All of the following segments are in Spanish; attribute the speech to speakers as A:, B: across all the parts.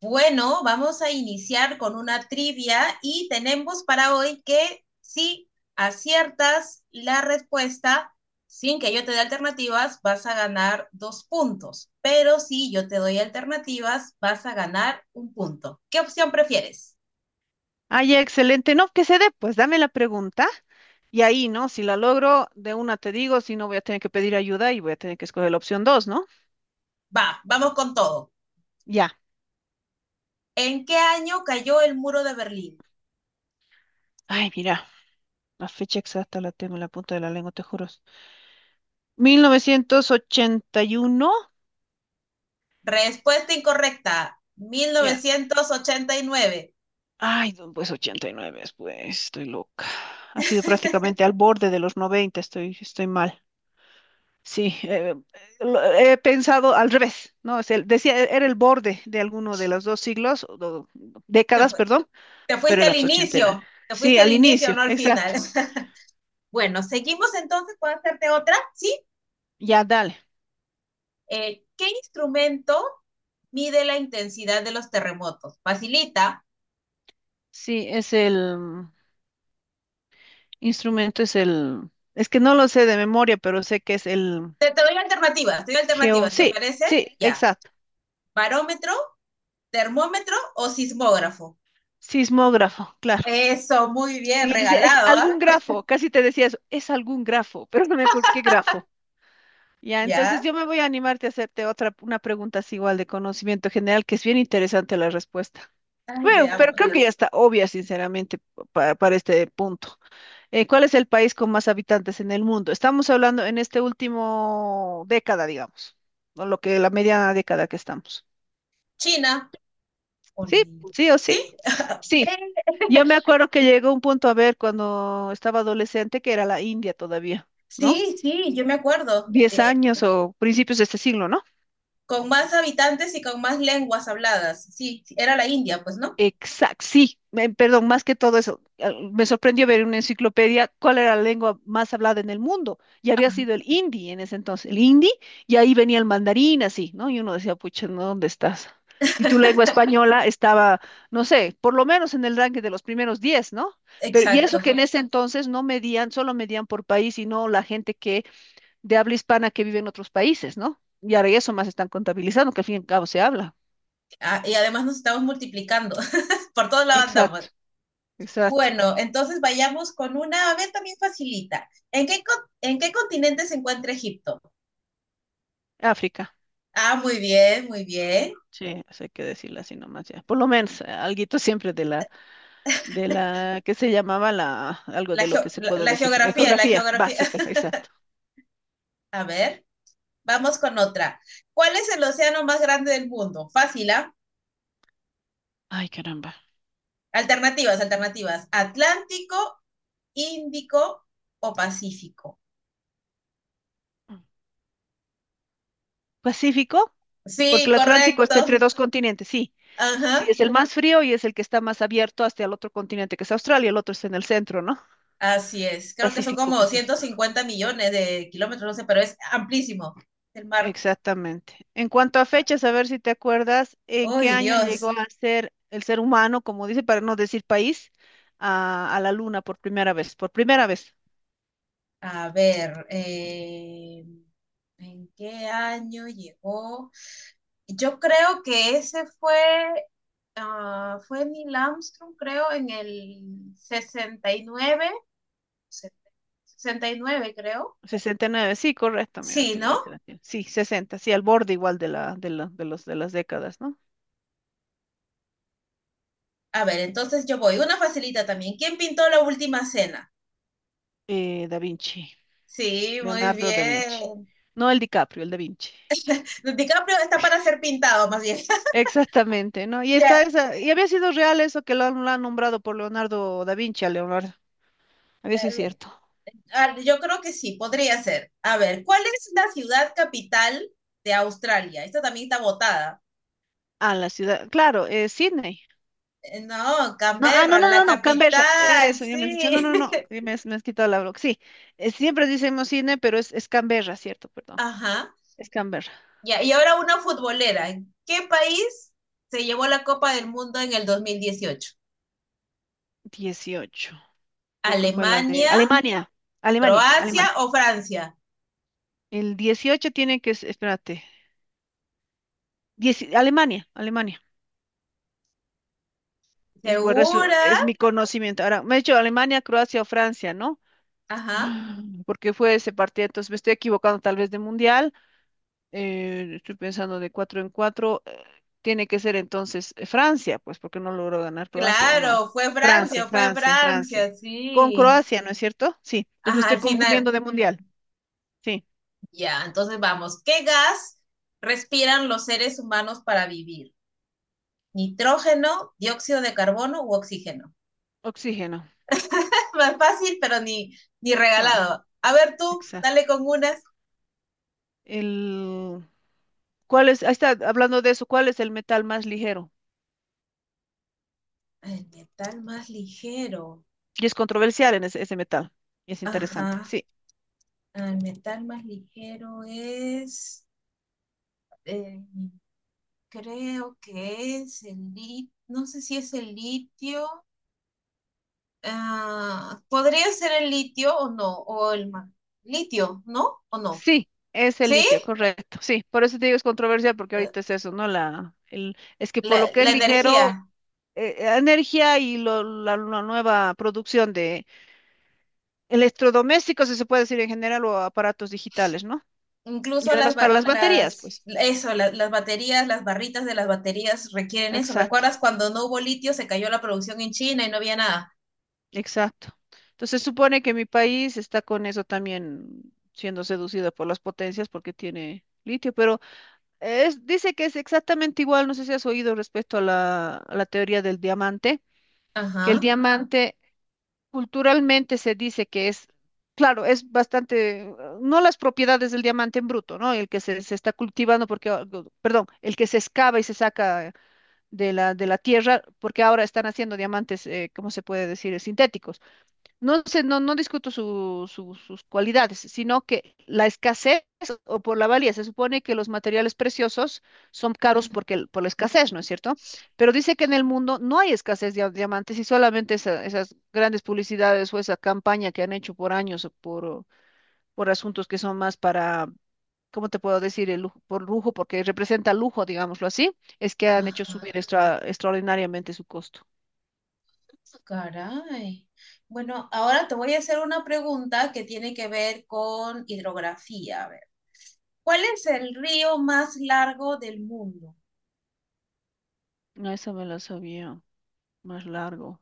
A: Bueno, vamos a iniciar con una trivia y tenemos para hoy que si aciertas la respuesta sin que yo te dé alternativas, vas a ganar dos puntos. Pero si yo te doy alternativas, vas a ganar un punto. ¿Qué opción prefieres?
B: Ay, excelente. No, que se dé, pues dame la pregunta y ahí, ¿no? Si la logro, de una te digo, si no voy a tener que pedir ayuda y voy a tener que escoger la opción dos, ¿no?
A: Va, vamos con todo.
B: Ya.
A: ¿En qué año cayó el muro de Berlín?
B: Ay, mira, la fecha exacta la tengo en la punta de la lengua, te juro. 1981.
A: Respuesta incorrecta,
B: Ya.
A: 1989.
B: Ay, no, pues 89, pues, estoy loca. Ha sido prácticamente al borde de los noventa. Estoy mal. Sí, he pensado al revés, ¿no? Decía, era el borde de alguno de los dos siglos, o
A: Te,
B: décadas,
A: fu-
B: perdón,
A: Te
B: pero
A: fuiste
B: era
A: al
B: pues, ochentena.
A: inicio, te
B: Sí,
A: fuiste al
B: al
A: inicio,
B: inicio,
A: no al final.
B: exacto.
A: Bueno, seguimos entonces, ¿puedo hacerte otra? Sí.
B: Ya, dale.
A: ¿Qué instrumento mide la intensidad de los terremotos? Facilita.
B: Sí, es el instrumento, es el. Es que no lo sé de memoria, pero sé que es el
A: Te doy alternativas, te doy
B: geo.
A: alternativas, ¿te
B: Sí,
A: parece?
B: sí,
A: Ya.
B: exacto.
A: ¿Barómetro, termómetro o sismógrafo?
B: Sismógrafo, claro.
A: Eso, muy bien,
B: Y yo decía, es
A: regalado, ¿ah?
B: algún grafo, casi te decía eso, es algún grafo, pero no me acuerdo qué grafo. Ya, entonces
A: Ya.
B: yo me voy a animarte a hacerte otra, una pregunta así igual de conocimiento general, que es bien interesante la respuesta.
A: Ay,
B: Bueno, pero creo
A: veamos.
B: que ya está obvia, sinceramente, para este punto. ¿Cuál es el país con más habitantes en el mundo? Estamos hablando en este último década, digamos, o lo que la mediana década que estamos.
A: China. Hola.
B: Sí, sí o sí.
A: ¿Sí?
B: Sí.
A: Eh,
B: Yo me acuerdo que llegó un punto a ver cuando estaba adolescente que era la India todavía, ¿no?
A: Sí, sí, yo me acuerdo.
B: Diez años o principios de este siglo, ¿no?
A: Con más habitantes y con más lenguas habladas. Sí, sí, era la India, pues, ¿no?
B: Exacto, sí, perdón, más que todo eso, me sorprendió ver en una enciclopedia cuál era la lengua más hablada en el mundo, y había
A: Ajá.
B: sido el hindi en ese entonces, el hindi, y ahí venía el mandarín, así, ¿no? Y uno decía, pucha, ¿no? ¿Dónde estás? Y tu lengua española estaba, no sé, por lo menos en el ranking de los primeros 10, ¿no? Pero, y eso que
A: Exacto.
B: en ese entonces no medían, solo medían por país y no la gente que, de habla hispana que vive en otros países, ¿no? Y ahora eso más están contabilizando, que al fin y al cabo se habla.
A: Ah, y además nos estamos multiplicando. Por todos lados andamos.
B: Exacto, exacto.
A: Bueno, entonces vayamos con una, a ver, también facilita. ¿ En qué continente se encuentra Egipto?
B: África.
A: Ah, muy bien, muy bien.
B: Sí, eso hay que decirlo así nomás ya. Por lo menos, algo siempre de la, que se llamaba la, algo
A: La,
B: de lo que
A: geo-
B: se
A: la,
B: puede
A: la
B: decir,
A: geografía, la
B: geografía
A: geografía.
B: básica, exacto.
A: A ver, vamos con otra. ¿Cuál es el océano más grande del mundo? Fácil, ¿ah?
B: Ay, caramba.
A: Alternativas, alternativas. ¿Atlántico, Índico o Pacífico?
B: Pacífico,
A: Sí,
B: porque el Atlántico está entre
A: correcto.
B: dos continentes, sí. Sí,
A: Ajá.
B: es el más frío y es el que está más abierto hasta el otro continente, que es Australia, el otro está en el centro, ¿no?
A: Así es, creo que son
B: Pacífico,
A: como doscientos
B: Pacífico.
A: cincuenta millones de kilómetros, no sé, pero es amplísimo el mar.
B: Exactamente. En cuanto a fechas, a ver si te acuerdas, ¿en qué
A: ¡Uy,
B: año llegó
A: Dios!
B: a ser el ser humano, como dice, para no decir país, a la Luna por primera vez? Por primera vez.
A: A ver, ¿en qué año llegó? Yo creo que ese fue Neil Armstrong, creo, en el sesenta sesenta y nueve, sesenta y nueve, creo.
B: Sesenta y nueve, sí, correcto, mira,
A: Sí,
B: tú le habías
A: ¿no?
B: dado. Sí, 60, sí, al borde igual de la, de la- de los, de las décadas, ¿no?
A: A ver, entonces yo voy. Una facilita también. ¿Quién pintó la última cena?
B: Da Vinci,
A: Sí, muy
B: Leonardo da Vinci.
A: bien.
B: No el DiCaprio, el Da Vinci.
A: DiCaprio está para ser pintado, más bien.
B: Exactamente, ¿no? Y está
A: Ya,
B: esa, y había sido real eso que lo han nombrado por Leonardo da Vinci a Leonardo. A ver si es
A: eh,
B: cierto.
A: a ver, yo creo que sí, podría ser. A ver, ¿cuál es la ciudad capital de Australia? Esta también está votada.
B: A la ciudad, claro, Sydney.
A: No,
B: No, ah, no,
A: Canberra,
B: no,
A: la
B: no, no, Canberra.
A: capital,
B: Eso, ya me has dicho, no,
A: sí.
B: no, no, ya me has quitado la broca. Sí, siempre decimos Sydney, pero es Canberra, ¿cierto? Perdón,
A: Ajá.
B: es Canberra.
A: Ya, y ahora una futbolera. ¿En qué país se llevó la Copa del Mundo en el 2018?
B: 18. Creo que fue la de
A: ¿Alemania,
B: Alemania, Alemania,
A: Croacia
B: Alemania.
A: o Francia?
B: El 18 tiene que, espérate, Alemania, Alemania. Bueno,
A: ¿Segura?
B: es mi conocimiento. Ahora, me he dicho Alemania, Croacia o Francia, ¿no?
A: Ajá.
B: Porque fue ese partido, entonces me estoy equivocando tal vez de mundial. Estoy pensando de cuatro en cuatro. Tiene que ser entonces Francia, pues porque no logró ganar Croacia o no.
A: Claro,
B: Francia,
A: Fue
B: Francia, Francia.
A: Francia,
B: Con
A: sí.
B: Croacia, ¿no es cierto? Sí, pues me
A: Ajá,
B: estoy
A: al final,
B: confundiendo de mundial. Sí,
A: ya, entonces vamos. ¿Qué gas respiran los seres humanos para vivir? ¿Nitrógeno, dióxido de carbono u oxígeno?
B: oxígeno,
A: Más fácil, pero ni
B: claro,
A: regalado. A ver tú,
B: exacto.
A: dale con unas.
B: El, ¿Cuál es? Ahí está, hablando de eso, ¿cuál es el metal más ligero?
A: El metal más ligero.
B: Y es controversial en ese metal, y es interesante.
A: Ajá,
B: Sí,
A: el metal más ligero es, eh, creo que es el litio, no sé si es el litio. Ah, ¿podría ser el litio o no? O el litio, ¿no? ¿O no?
B: sí, es el
A: ¿Sí?
B: litio, correcto. Sí, por eso te digo es controversial, porque
A: Eh,
B: ahorita es eso, ¿no? Es que por
A: La,
B: lo que es
A: la
B: ligero,
A: energía,
B: energía y la nueva producción de electrodomésticos, si se puede decir en general, o aparatos digitales, ¿no? Y
A: incluso las,
B: además para
A: ba-
B: las baterías,
A: las,
B: pues.
A: eso, la- las baterías, las barritas de las baterías requieren eso.
B: Exacto,
A: ¿Recuerdas cuando no hubo litio, se cayó la producción en China y no había nada?
B: exacto. Entonces supone que mi país está con eso también siendo seducido por las potencias porque tiene litio, pero es, dice que es exactamente igual, no sé si has oído respecto a la, teoría del diamante, que el
A: Ajá.
B: diamante culturalmente se dice que es, claro, es bastante, no las propiedades del diamante en bruto, ¿no? El que se está cultivando porque, perdón, el que se excava y se saca de la tierra porque ahora están haciendo diamantes, ¿cómo se puede decir? Sintéticos. No sé, no, no discuto sus cualidades, sino que la escasez o por la valía. Se supone que los materiales preciosos son caros
A: Mm.
B: porque, por la escasez, ¿no es cierto? Pero dice que en el mundo no hay escasez de diamantes y solamente esas grandes publicidades o esa campaña que han hecho por años o por asuntos que son más para, ¿cómo te puedo decir? El lujo, por lujo, porque representa lujo, digámoslo así, es que han hecho
A: Ajá,
B: subir extraordinariamente su costo.
A: caray. Bueno, ahora te voy a hacer una pregunta que tiene que ver con hidrografía. A ver, ¿cuál es el río más largo del mundo?
B: No, esa me la sabía más largo.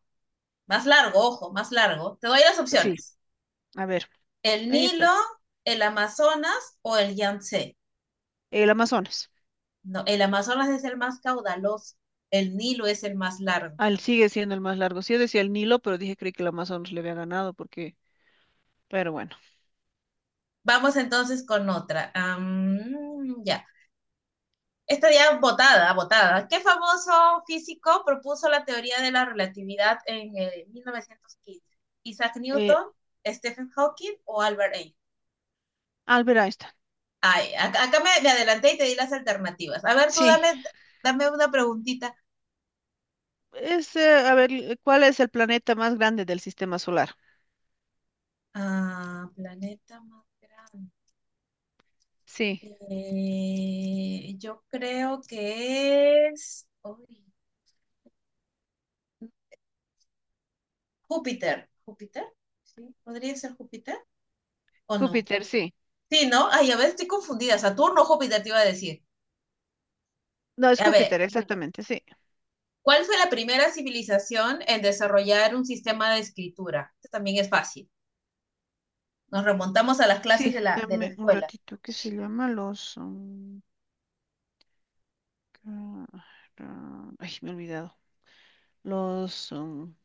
A: Más largo, ojo, más largo. Te doy las
B: Sí,
A: opciones.
B: a ver.
A: El
B: Ahí está.
A: Nilo, el Amazonas o el Yangtze.
B: El Amazonas.
A: No, el Amazonas es el más caudaloso, el Nilo es el más largo.
B: Al sigue siendo el más largo. Sí, yo decía el Nilo, pero dije creí que el Amazonas le había ganado porque, pero bueno.
A: Vamos entonces con otra. Ya. Esta ya botada botada. ¿Qué famoso físico propuso la teoría de la relatividad en 1915? ¿Isaac
B: Eh,
A: Newton, Stephen Hawking o Albert Einstein?
B: Albert Einstein.
A: Ay, acá me adelanté y te di las alternativas. A ver, tú
B: Sí.
A: dame una preguntita.
B: A ver, ¿cuál es el planeta más grande del sistema solar?
A: Ah, planeta más grande.
B: Sí.
A: Yo creo que es uy, Júpiter. ¿Júpiter? ¿Sí? ¿Podría ser Júpiter? ¿O no?
B: Júpiter, sí.
A: Sí, ¿no? Ay, a ver, estoy confundida. Saturno o Júpiter te iba a decir.
B: No, es
A: A ver,
B: Júpiter, exactamente, sí.
A: ¿cuál fue la primera civilización en desarrollar un sistema de escritura? Esto también es fácil. Nos remontamos a las clases
B: Sí,
A: de la
B: dame un
A: escuela.
B: ratito. ¿Qué se llama? Los... um, ca- ra- Ay, me he olvidado. Los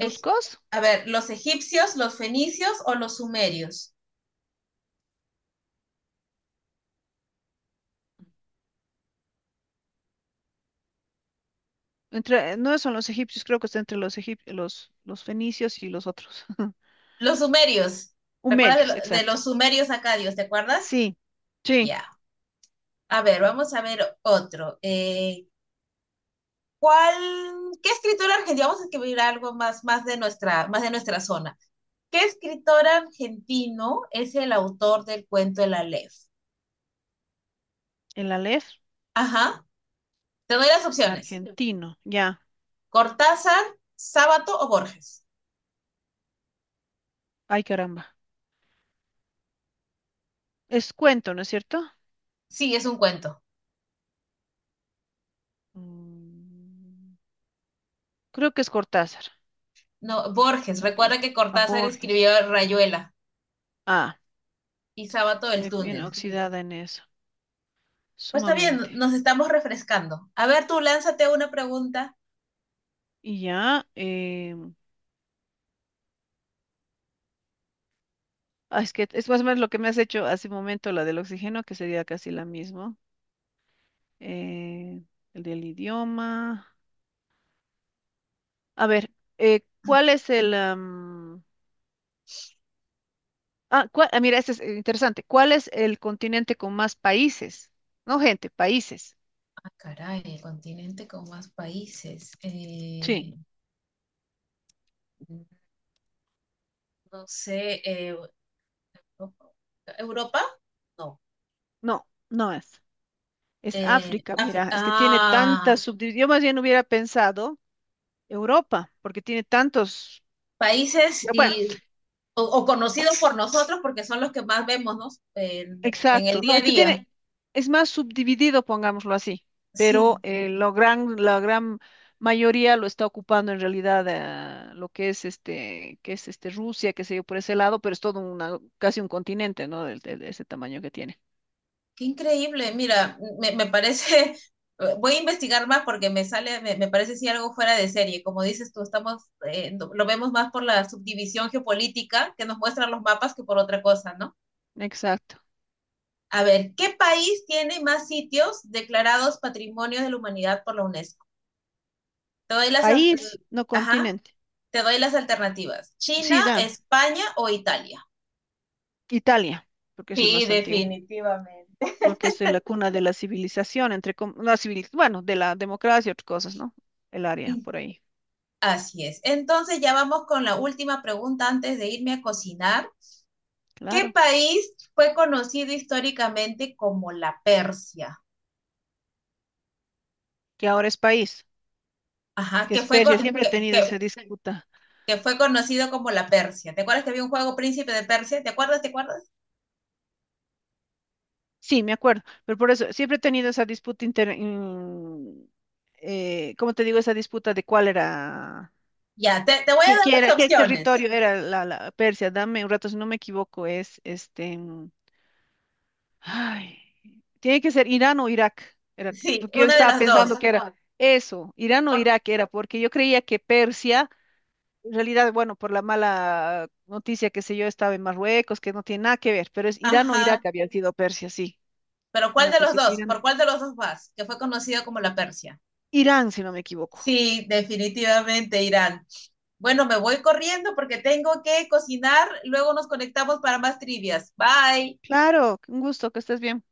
A: Es, a ver, ¿los egipcios, los fenicios o los sumerios?
B: Entre, no son los egipcios, creo que está entre los fenicios y los otros.
A: Los sumerios. ¿Recuerdas
B: Humerios,
A: de
B: exacto.
A: los sumerios acadios? ¿Te acuerdas?
B: Sí, sí,
A: Ya. A ver, vamos a ver otro. ¿Cuál, qué escritora argentina? Vamos a escribir algo más de nuestra zona. ¿Qué escritor argentino es el autor del cuento El Aleph?
B: el Aleph
A: Ajá. Te doy las opciones.
B: argentino, ya.
A: Cortázar, Sábato o Borges.
B: Ay, caramba. Es cuento, ¿no es cierto?
A: Sí, es un cuento.
B: Mm, Creo que es Cortázar.
A: No, Borges.
B: El Aleph.
A: Recuerda que
B: A
A: Cortázar
B: Borges.
A: escribió Rayuela
B: Ah,
A: y Sábato el
B: estoy bien
A: túnel.
B: oxidada en eso,
A: Pues está bien,
B: sumamente.
A: nos estamos refrescando. A ver, tú lánzate una pregunta.
B: Y ya, es que es más o menos lo que me has hecho hace un momento, la del oxígeno, que sería casi la misma. Eh, el del idioma. A ver, ¿cuál es el? Am, Ah, cua- ah, Mira, este es interesante. ¿Cuál es el continente con más países? No, gente, países.
A: Ah, caray, el continente con más países.
B: Sí,
A: No sé, ¿Europa? No.
B: no, no es. Es
A: Eh,
B: África,
A: Afri-
B: mira, es que tiene tantas
A: ah,
B: subdivisiones. Yo más bien hubiera pensado Europa, porque tiene tantos.
A: países
B: Ya, bueno,
A: o conocidos por nosotros porque son los que más vemos, ¿no? En el
B: exacto. No,
A: día a
B: es que
A: día.
B: tiene, es más subdividido, pongámoslo así, pero
A: Sí,
B: la gran mayoría lo está ocupando en realidad lo que es este Rusia, qué sé yo, por ese lado, pero es todo una, casi un continente, ¿no? De ese tamaño que tiene.
A: qué increíble, mira, me parece, voy a investigar más porque me sale, me parece si algo fuera de serie. Como dices tú, estamos, lo vemos más por la subdivisión geopolítica que nos muestran los mapas que por otra cosa, ¿no?
B: Exacto.
A: A ver, ¿qué país tiene más sitios declarados Patrimonio de la Humanidad por la UNESCO? Te doy las, as-
B: País,
A: l-
B: no
A: ajá,
B: continente.
A: te doy las alternativas. China,
B: Sí, dame.
A: España o Italia.
B: Italia, porque es el
A: Sí,
B: más antiguo,
A: definitivamente.
B: porque es de la cuna de la civilización, entre no, civil, bueno, de la democracia y otras cosas, ¿no? El área por ahí,
A: Así es. Entonces ya vamos con la última pregunta antes de irme a cocinar. ¿Qué
B: claro.
A: país fue conocido históricamente como la Persia?
B: Que ahora es país,
A: Ajá,
B: que es Persia, siempre he tenido esa disputa.
A: que fue conocido como la Persia. ¿Te acuerdas que había un juego Príncipe de Persia? ¿Te acuerdas? ¿Te acuerdas?
B: Sí, me acuerdo, pero por eso siempre he tenido esa disputa ¿cómo te digo? Esa disputa de cuál era,
A: Ya, te voy a dar
B: qué era,
A: las
B: qué
A: opciones.
B: territorio era la Persia. Dame un rato, si no me equivoco, es este. Ay, tiene que ser Irán o Irak, era,
A: Sí,
B: porque yo
A: una de
B: estaba
A: las
B: pensando
A: dos.
B: que era eso, Irán o
A: Por,
B: Irak era, porque yo creía que Persia, en realidad, bueno, por la mala noticia que sé yo, estaba en Marruecos, que no tiene nada que ver, pero es Irán o Irak
A: ajá,
B: había sido Persia, sí,
A: pero
B: no me
A: ¿cuál de
B: acuerdo si
A: los
B: es
A: dos?
B: Irán o
A: ¿Por cuál de los dos vas? Que fue conocido como la Persia.
B: Irán, si no me equivoco.
A: Sí, definitivamente, Irán. Bueno, me voy corriendo porque tengo que cocinar. Luego nos conectamos para más trivias. Bye.
B: Claro, un gusto, que estés bien.